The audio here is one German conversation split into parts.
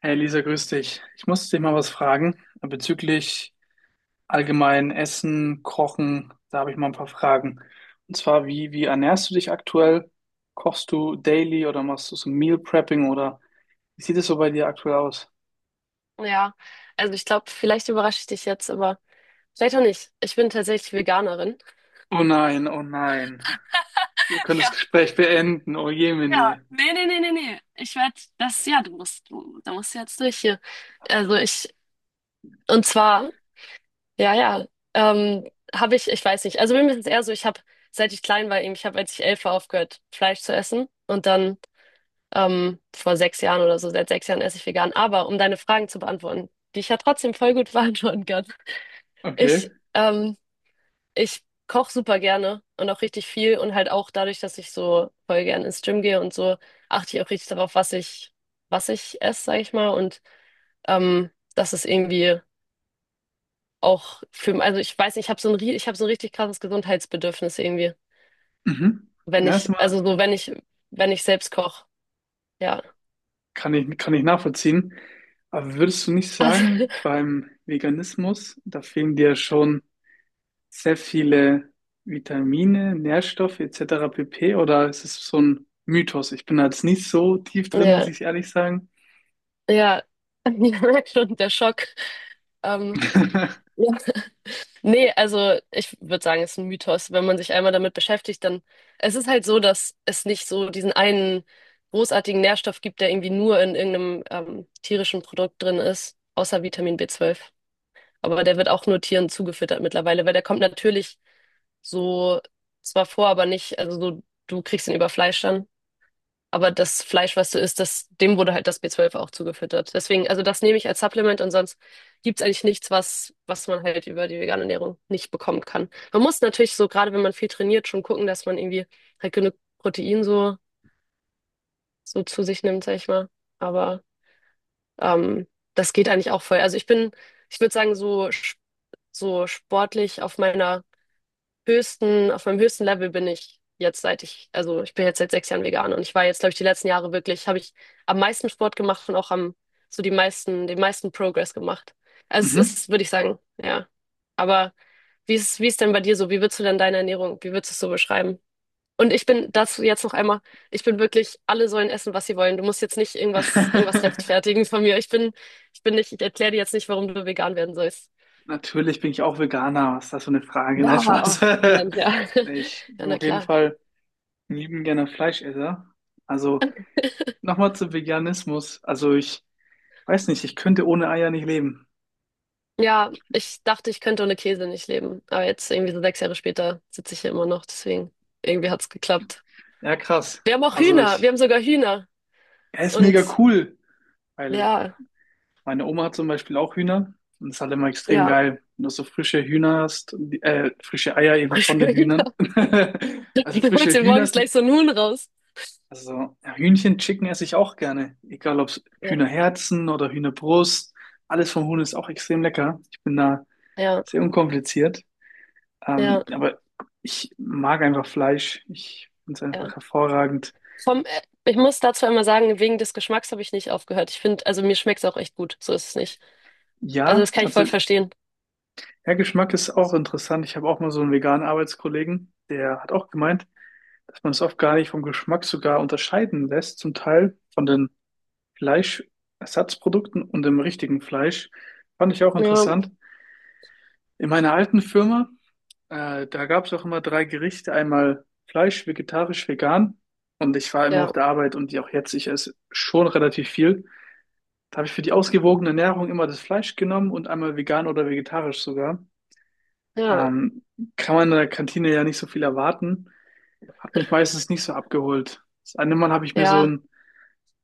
Hey Lisa, grüß dich. Ich muss dich mal was fragen bezüglich allgemein Essen, Kochen. Da habe ich mal ein paar Fragen. Und zwar, wie ernährst du dich aktuell? Kochst du daily oder machst du so Meal Prepping oder wie sieht es so bei dir aktuell aus? Ja, also ich glaube, vielleicht überrasche ich dich jetzt, aber vielleicht auch nicht. Ich bin tatsächlich Veganerin. Oh nein, oh nein. Wir können das Ja, Gespräch beenden. Oh ja. Jemine. Nee, nee, nee, nee, nee. Ich werde das, ja, da musst du jetzt durch hier. Also ich, und zwar, ja, ja, ähm, habe ich, ich weiß nicht. Also bei mir ist es eher so, ich habe, seit ich klein war, eben, ich habe, als ich 11 war, aufgehört, Fleisch zu essen. Und dann, vor 6 Jahren oder so, seit 6 Jahren esse ich vegan. Aber um deine Fragen zu beantworten, die ich ja trotzdem voll gut beantworten kann. Okay. Ich, ähm, Ich koche super gerne und auch richtig viel und halt auch dadurch, dass ich so voll gerne ins Gym gehe und so, achte ich auch richtig darauf, was ich esse, sag ich mal. Und ähm, das ist irgendwie auch für, also ich weiß nicht, ich habe so ein richtig krasses Gesundheitsbedürfnis irgendwie, Mhm. wenn Na, ich, erstmal also so wenn ich, wenn ich selbst koche, ja. Kann ich nachvollziehen. Aber würdest du nicht Also, sagen, beim Veganismus, da fehlen dir schon sehr viele Vitamine, Nährstoffe etc. pp. Oder ist es so ein Mythos? Ich bin da jetzt nicht so tief drin, muss ja, ich ehrlich sagen. ja, ich merke schon, der Schock. Ähm, Nee, also ich würde sagen, es ist ein Mythos. Wenn man sich einmal damit beschäftigt, dann es ist halt so, dass es nicht so diesen einen großartigen Nährstoff gibt, der irgendwie nur in irgendeinem tierischen Produkt drin ist, außer Vitamin B12. Aber der wird auch nur Tieren zugefüttert mittlerweile, weil der kommt natürlich so zwar vor, aber nicht, also so, du kriegst ihn über Fleisch dann. Aber das Fleisch, was du isst, das, dem wurde halt das B12 auch zugefüttert. Deswegen, also das nehme ich als Supplement und sonst gibt's eigentlich nichts, was, was man halt über die vegane Ernährung nicht bekommen kann. Man muss natürlich so, gerade wenn man viel trainiert, schon gucken, dass man irgendwie halt genug Protein so, so zu sich nimmt, sag ich mal. Aber ähm, das geht eigentlich auch voll. Also ich bin, ich würde sagen, so, so sportlich auf meiner höchsten, auf meinem höchsten Level bin ich jetzt seit ich, also ich bin jetzt seit 6 Jahren vegan und ich war jetzt, glaube ich, die letzten Jahre wirklich, habe ich am meisten Sport gemacht und auch am, so die meisten, den meisten Progress gemacht. Also es Mhm. ist, würde ich sagen, ja. Aber wie ist denn bei dir so? Wie würdest du denn deine Ernährung, wie würdest du es so beschreiben? Und ich bin dazu jetzt noch einmal, ich bin wirklich, alle sollen essen, was sie wollen. Du musst jetzt nicht irgendwas, irgendwas rechtfertigen von mir. Ich bin nicht, ich erkläre dir jetzt nicht, warum du vegan werden sollst. Natürlich bin ich auch Veganer. Was ist das für eine Frage? Nein, Ja, oh, Spaß. Mensch, ja. Nee, ich Ja, bin na auf jeden klar. Fall ein lieben gerne Fleischesser. Also nochmal zu Veganismus. Also ich weiß nicht, ich könnte ohne Eier nicht leben. Ja, ich dachte, ich könnte ohne Käse nicht leben. Aber jetzt irgendwie so 6 Jahre später sitze ich hier immer noch. Deswegen, irgendwie hat's geklappt. Ja, krass. Wir haben auch Also Hühner. Wir ich, haben sogar Hühner. er ist mega Und cool, weil ja, meine Oma hat zum Beispiel auch Hühner, und es ist halt immer extrem ja, geil, wenn du so frische Hühner hast, und frische Eier eben von den Hühnern. Hühner. Also Du holst frische dir Hühner morgens sind, gleich so einen Huhn raus. also ja, Hühnchen, Chicken esse ich auch gerne. Egal ob Ja, Hühnerherzen oder Hühnerbrust, alles vom Huhn ist auch extrem lecker. Ich bin da ja, sehr unkompliziert. ja, Aber ich mag einfach Fleisch. Ich finde es ja. einfach hervorragend. Vom, ich muss dazu einmal sagen, wegen des Geschmacks habe ich nicht aufgehört. Ich finde, also mir schmeckt's auch echt gut. So ist es nicht. Also Ja, das kann ich voll also verstehen. ja, Geschmack ist auch interessant. Ich habe auch mal so einen veganen Arbeitskollegen, der hat auch gemeint, dass man es oft gar nicht vom Geschmack sogar unterscheiden lässt, zum Teil von den Fleischersatzprodukten und dem richtigen Fleisch. Fand ich auch Ja, interessant. In meiner alten Firma, da gab es auch immer drei Gerichte, einmal Fleisch, vegetarisch, vegan. Und ich war immer auf ja, der Arbeit und die auch jetzt, ich esse schon relativ viel. Da habe ich für die ausgewogene Ernährung immer das Fleisch genommen und einmal vegan oder vegetarisch sogar. ja, Ähm, kann man in der Kantine ja nicht so viel erwarten. Hat mich meistens nicht so abgeholt. Das eine Mal habe ich mir so ja, ein,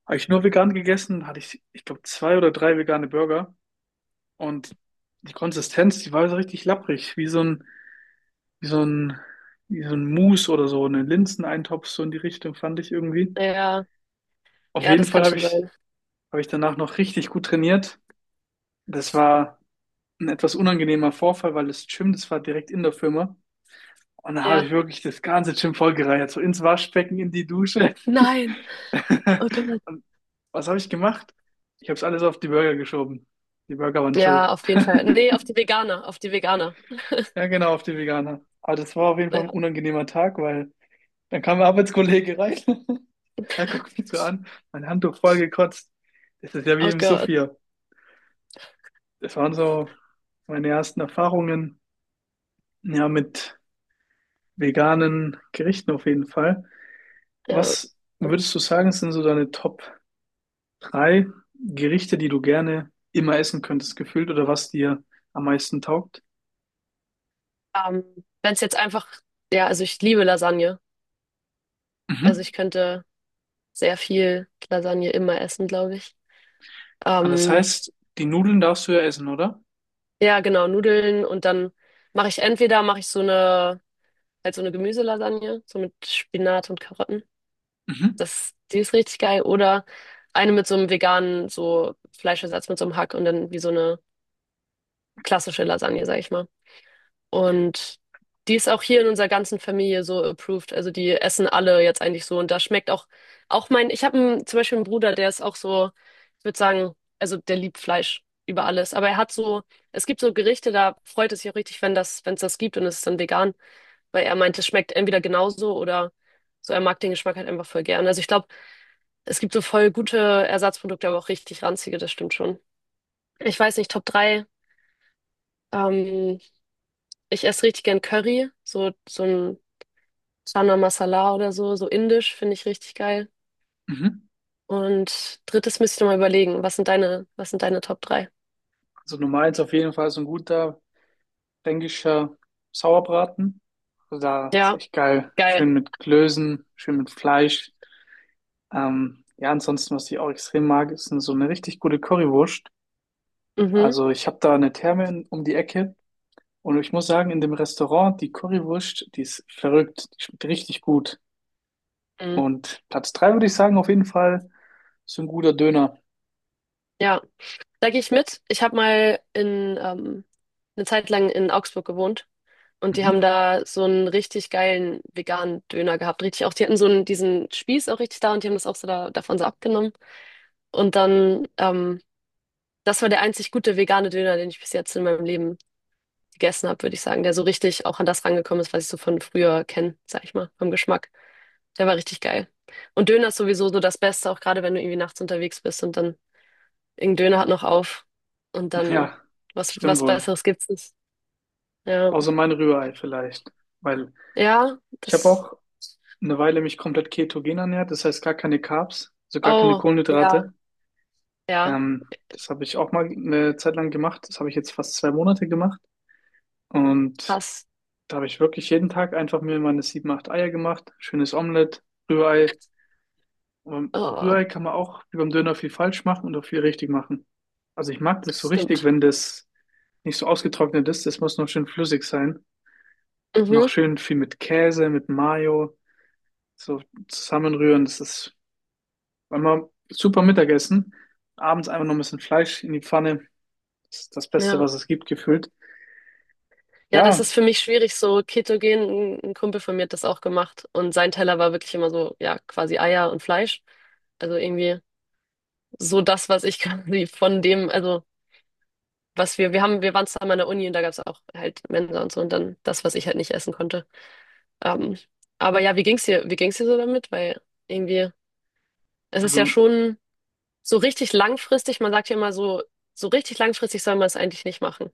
habe ich nur vegan gegessen, hatte ich, ich glaube, zwei oder drei vegane Burger. Und die Konsistenz, die war so richtig lapprig, wie so ein, wie so ein Mousse oder so, eine Linseneintopf, so in die Richtung fand ich irgendwie. ja, Auf ja, jeden das Fall kann schon sein. habe ich danach noch richtig gut trainiert. Das war ein etwas unangenehmer Vorfall, weil das Gym, das war direkt in der Firma. Und dann habe ich Ja. wirklich das ganze Gym vollgereiert, so ins Waschbecken, in die Dusche. Nein. Oh Gott. Und was habe ich gemacht? Ich habe es alles auf die Burger geschoben. Die Burger waren Ja, schuld. auf jeden Fall. Nee, auf die Veganer, auf die Veganer. Ja, genau, auf die Veganer. Aber das war auf jeden Fall Ja, ein unangenehmer Tag, weil dann kam ein Arbeitskollege rein. Er guckt mich so an, mein Handtuch voll gekotzt. Das ist ja wie oh im Gott, Sophia. Das waren so meine ersten Erfahrungen, ja, mit veganen Gerichten auf jeden Fall. ja. Was würdest du sagen, sind so deine Top drei Gerichte, die du gerne immer essen könntest, gefühlt, oder was dir am meisten taugt. Ähm, wenn es jetzt einfach, ja, also ich liebe Lasagne. Also Mhm. ich könnte sehr viel Lasagne immer essen, glaube ich. Ah, das Ähm, heißt, die Nudeln darfst du ja essen, oder? ja, genau, Nudeln und dann mache ich entweder mache ich so eine halt so eine Gemüselasagne, so mit Spinat und Karotten. Mhm. Das, die ist richtig geil. Oder eine mit so einem veganen so Fleischersatz mit so einem Hack und dann wie so eine klassische Lasagne, sag ich mal. Und die ist auch hier in unserer ganzen Familie so approved. Also die essen alle jetzt eigentlich so. Und da schmeckt auch, auch mein, ich habe zum Beispiel einen Bruder, der ist auch so, ich würde sagen, also der liebt Fleisch über alles. Aber er hat so, es gibt so Gerichte, da freut es sich auch richtig, wenn das, wenn es das gibt und es ist dann vegan, weil er meint, es schmeckt entweder genauso oder so, er mag den Geschmack halt einfach voll gern. Also ich glaube, es gibt so voll gute Ersatzprodukte, aber auch richtig ranzige, das stimmt schon. Ich weiß nicht, Top drei. Ähm, ich esse richtig gern Curry, so, so ein Chana Masala oder so, so indisch, finde ich richtig geil. Mhm. Und drittes müsste ich noch mal überlegen, was sind deine Top 3? Also Nummer eins auf jeden Fall so ein guter fränkischer Sauerbraten. Also da ist Ja, echt geil. geil. Schön mit Klößen, schön mit Fleisch. Ja, ansonsten, was ich auch extrem mag, ist so eine richtig gute Currywurst. Mhm. Also ich habe da eine um die Ecke, und ich muss sagen, in dem Restaurant, die Currywurst, die ist verrückt, die schmeckt richtig gut. Mhm. Und Platz drei würde ich sagen, auf jeden Fall so ein guter Döner. Ja, da gehe ich mit. Ich habe mal in eine Zeit lang in Augsburg gewohnt und die haben Mhm. da so einen richtig geilen veganen Döner gehabt. Richtig auch, die hatten so einen, diesen Spieß auch richtig da und die haben das auch so da, davon so abgenommen. Und dann, das war der einzig gute vegane Döner, den ich bis jetzt in meinem Leben gegessen habe, würde ich sagen, der so richtig auch an das rangekommen ist, was ich so von früher kenne, sag ich mal, vom Geschmack. Der war richtig geil. Und Döner ist sowieso so das Beste, auch gerade wenn du irgendwie nachts unterwegs bist und dann irgendein Döner hat noch auf und dann Ja, was, stimmt was wohl. Besseres gibt's nicht. Ja, Außer mein Rührei vielleicht. Weil ja, ich habe das. auch eine Weile mich komplett ketogen ernährt, das heißt gar keine Carbs, also gar keine Oh, ja, Kohlenhydrate. ja, Das habe ich auch mal eine Zeit lang gemacht. Das habe ich jetzt fast 2 Monate gemacht. Und krass. da habe ich wirklich jeden Tag einfach mir meine 7, 8 Eier gemacht, schönes Omelett, Rührei. Aber Oh, Rührei kann man auch wie beim Döner viel falsch machen und auch viel richtig machen. Also ich mag das so das richtig, stimmt. wenn das nicht so ausgetrocknet ist. Das muss noch schön flüssig sein. Und auch Mhm, schön viel mit Käse, mit Mayo, so zusammenrühren. Das ist immer super Mittagessen. Abends einfach noch ein bisschen Fleisch in die Pfanne. Das ist das Beste, ja. was es gibt, gefühlt. Ja, das Ja, ist für mich schwierig, so ketogen. Ein Kumpel von mir hat das auch gemacht und sein Teller war wirklich immer so, ja, quasi Eier und Fleisch. Also irgendwie. So das, was ich quasi von dem, also was wir, wir haben, wir waren zusammen an der Uni und da gab es auch halt Mensa und so und dann das, was ich halt nicht essen konnte. Ähm, aber ja, wie ging's dir so damit? Weil irgendwie, es ist ja also, schon so richtig langfristig, man sagt ja immer so, so richtig langfristig soll man es eigentlich nicht machen,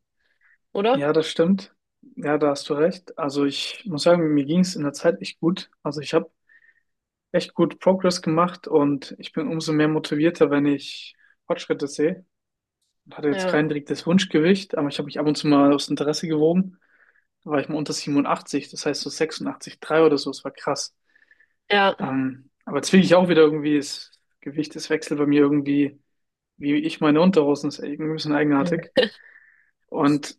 oder? ja, das stimmt. Ja, da hast du recht. Also ich muss sagen, mir ging es in der Zeit echt gut. Also ich habe echt gut Progress gemacht und ich bin umso mehr motivierter, wenn ich Fortschritte sehe. Ich hatte jetzt Ja, kein direktes Wunschgewicht, aber ich habe mich ab und zu mal aus Interesse gewogen. Da war ich mal unter 87, das heißt so 86,3 oder so, das war krass. ja, Aber jetzt will ich auch wieder irgendwie, das Gewicht, das wechselt bei mir irgendwie, wie ich meine Unterhosen, ist irgendwie ein bisschen eigenartig. Und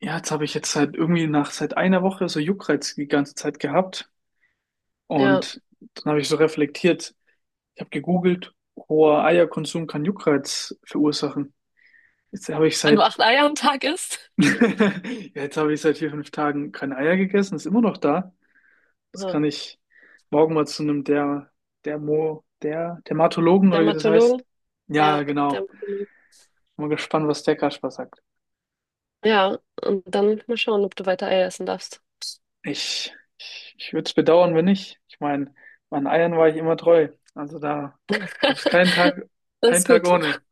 ja, jetzt habe ich jetzt halt irgendwie nach seit 1 Woche so Juckreiz die ganze Zeit gehabt. ja. Und dann habe ich so reflektiert, ich habe gegoogelt, hoher Eierkonsum kann Juckreiz verursachen. Jetzt habe ich Wenn du seit 8 Eier am Tag isst, ja, jetzt habe ich seit 4, 5 Tagen keine Eier gegessen, ist immer noch da. Das aha. kann ich morgen mal zu einem der Dermatologen oder wie das heißt. Dermatologen, Ja, ja, genau. Dermatologen. Bin mal gespannt, was der Kasper sagt. Ja, und dann mal schauen, ob du weiter Eier essen darfst. Ich würde es bedauern, wenn nicht. Ich meine, meinen Eiern war ich immer treu. Also da gab es keinen Tag, Das keinen ist Tag gut. ohne.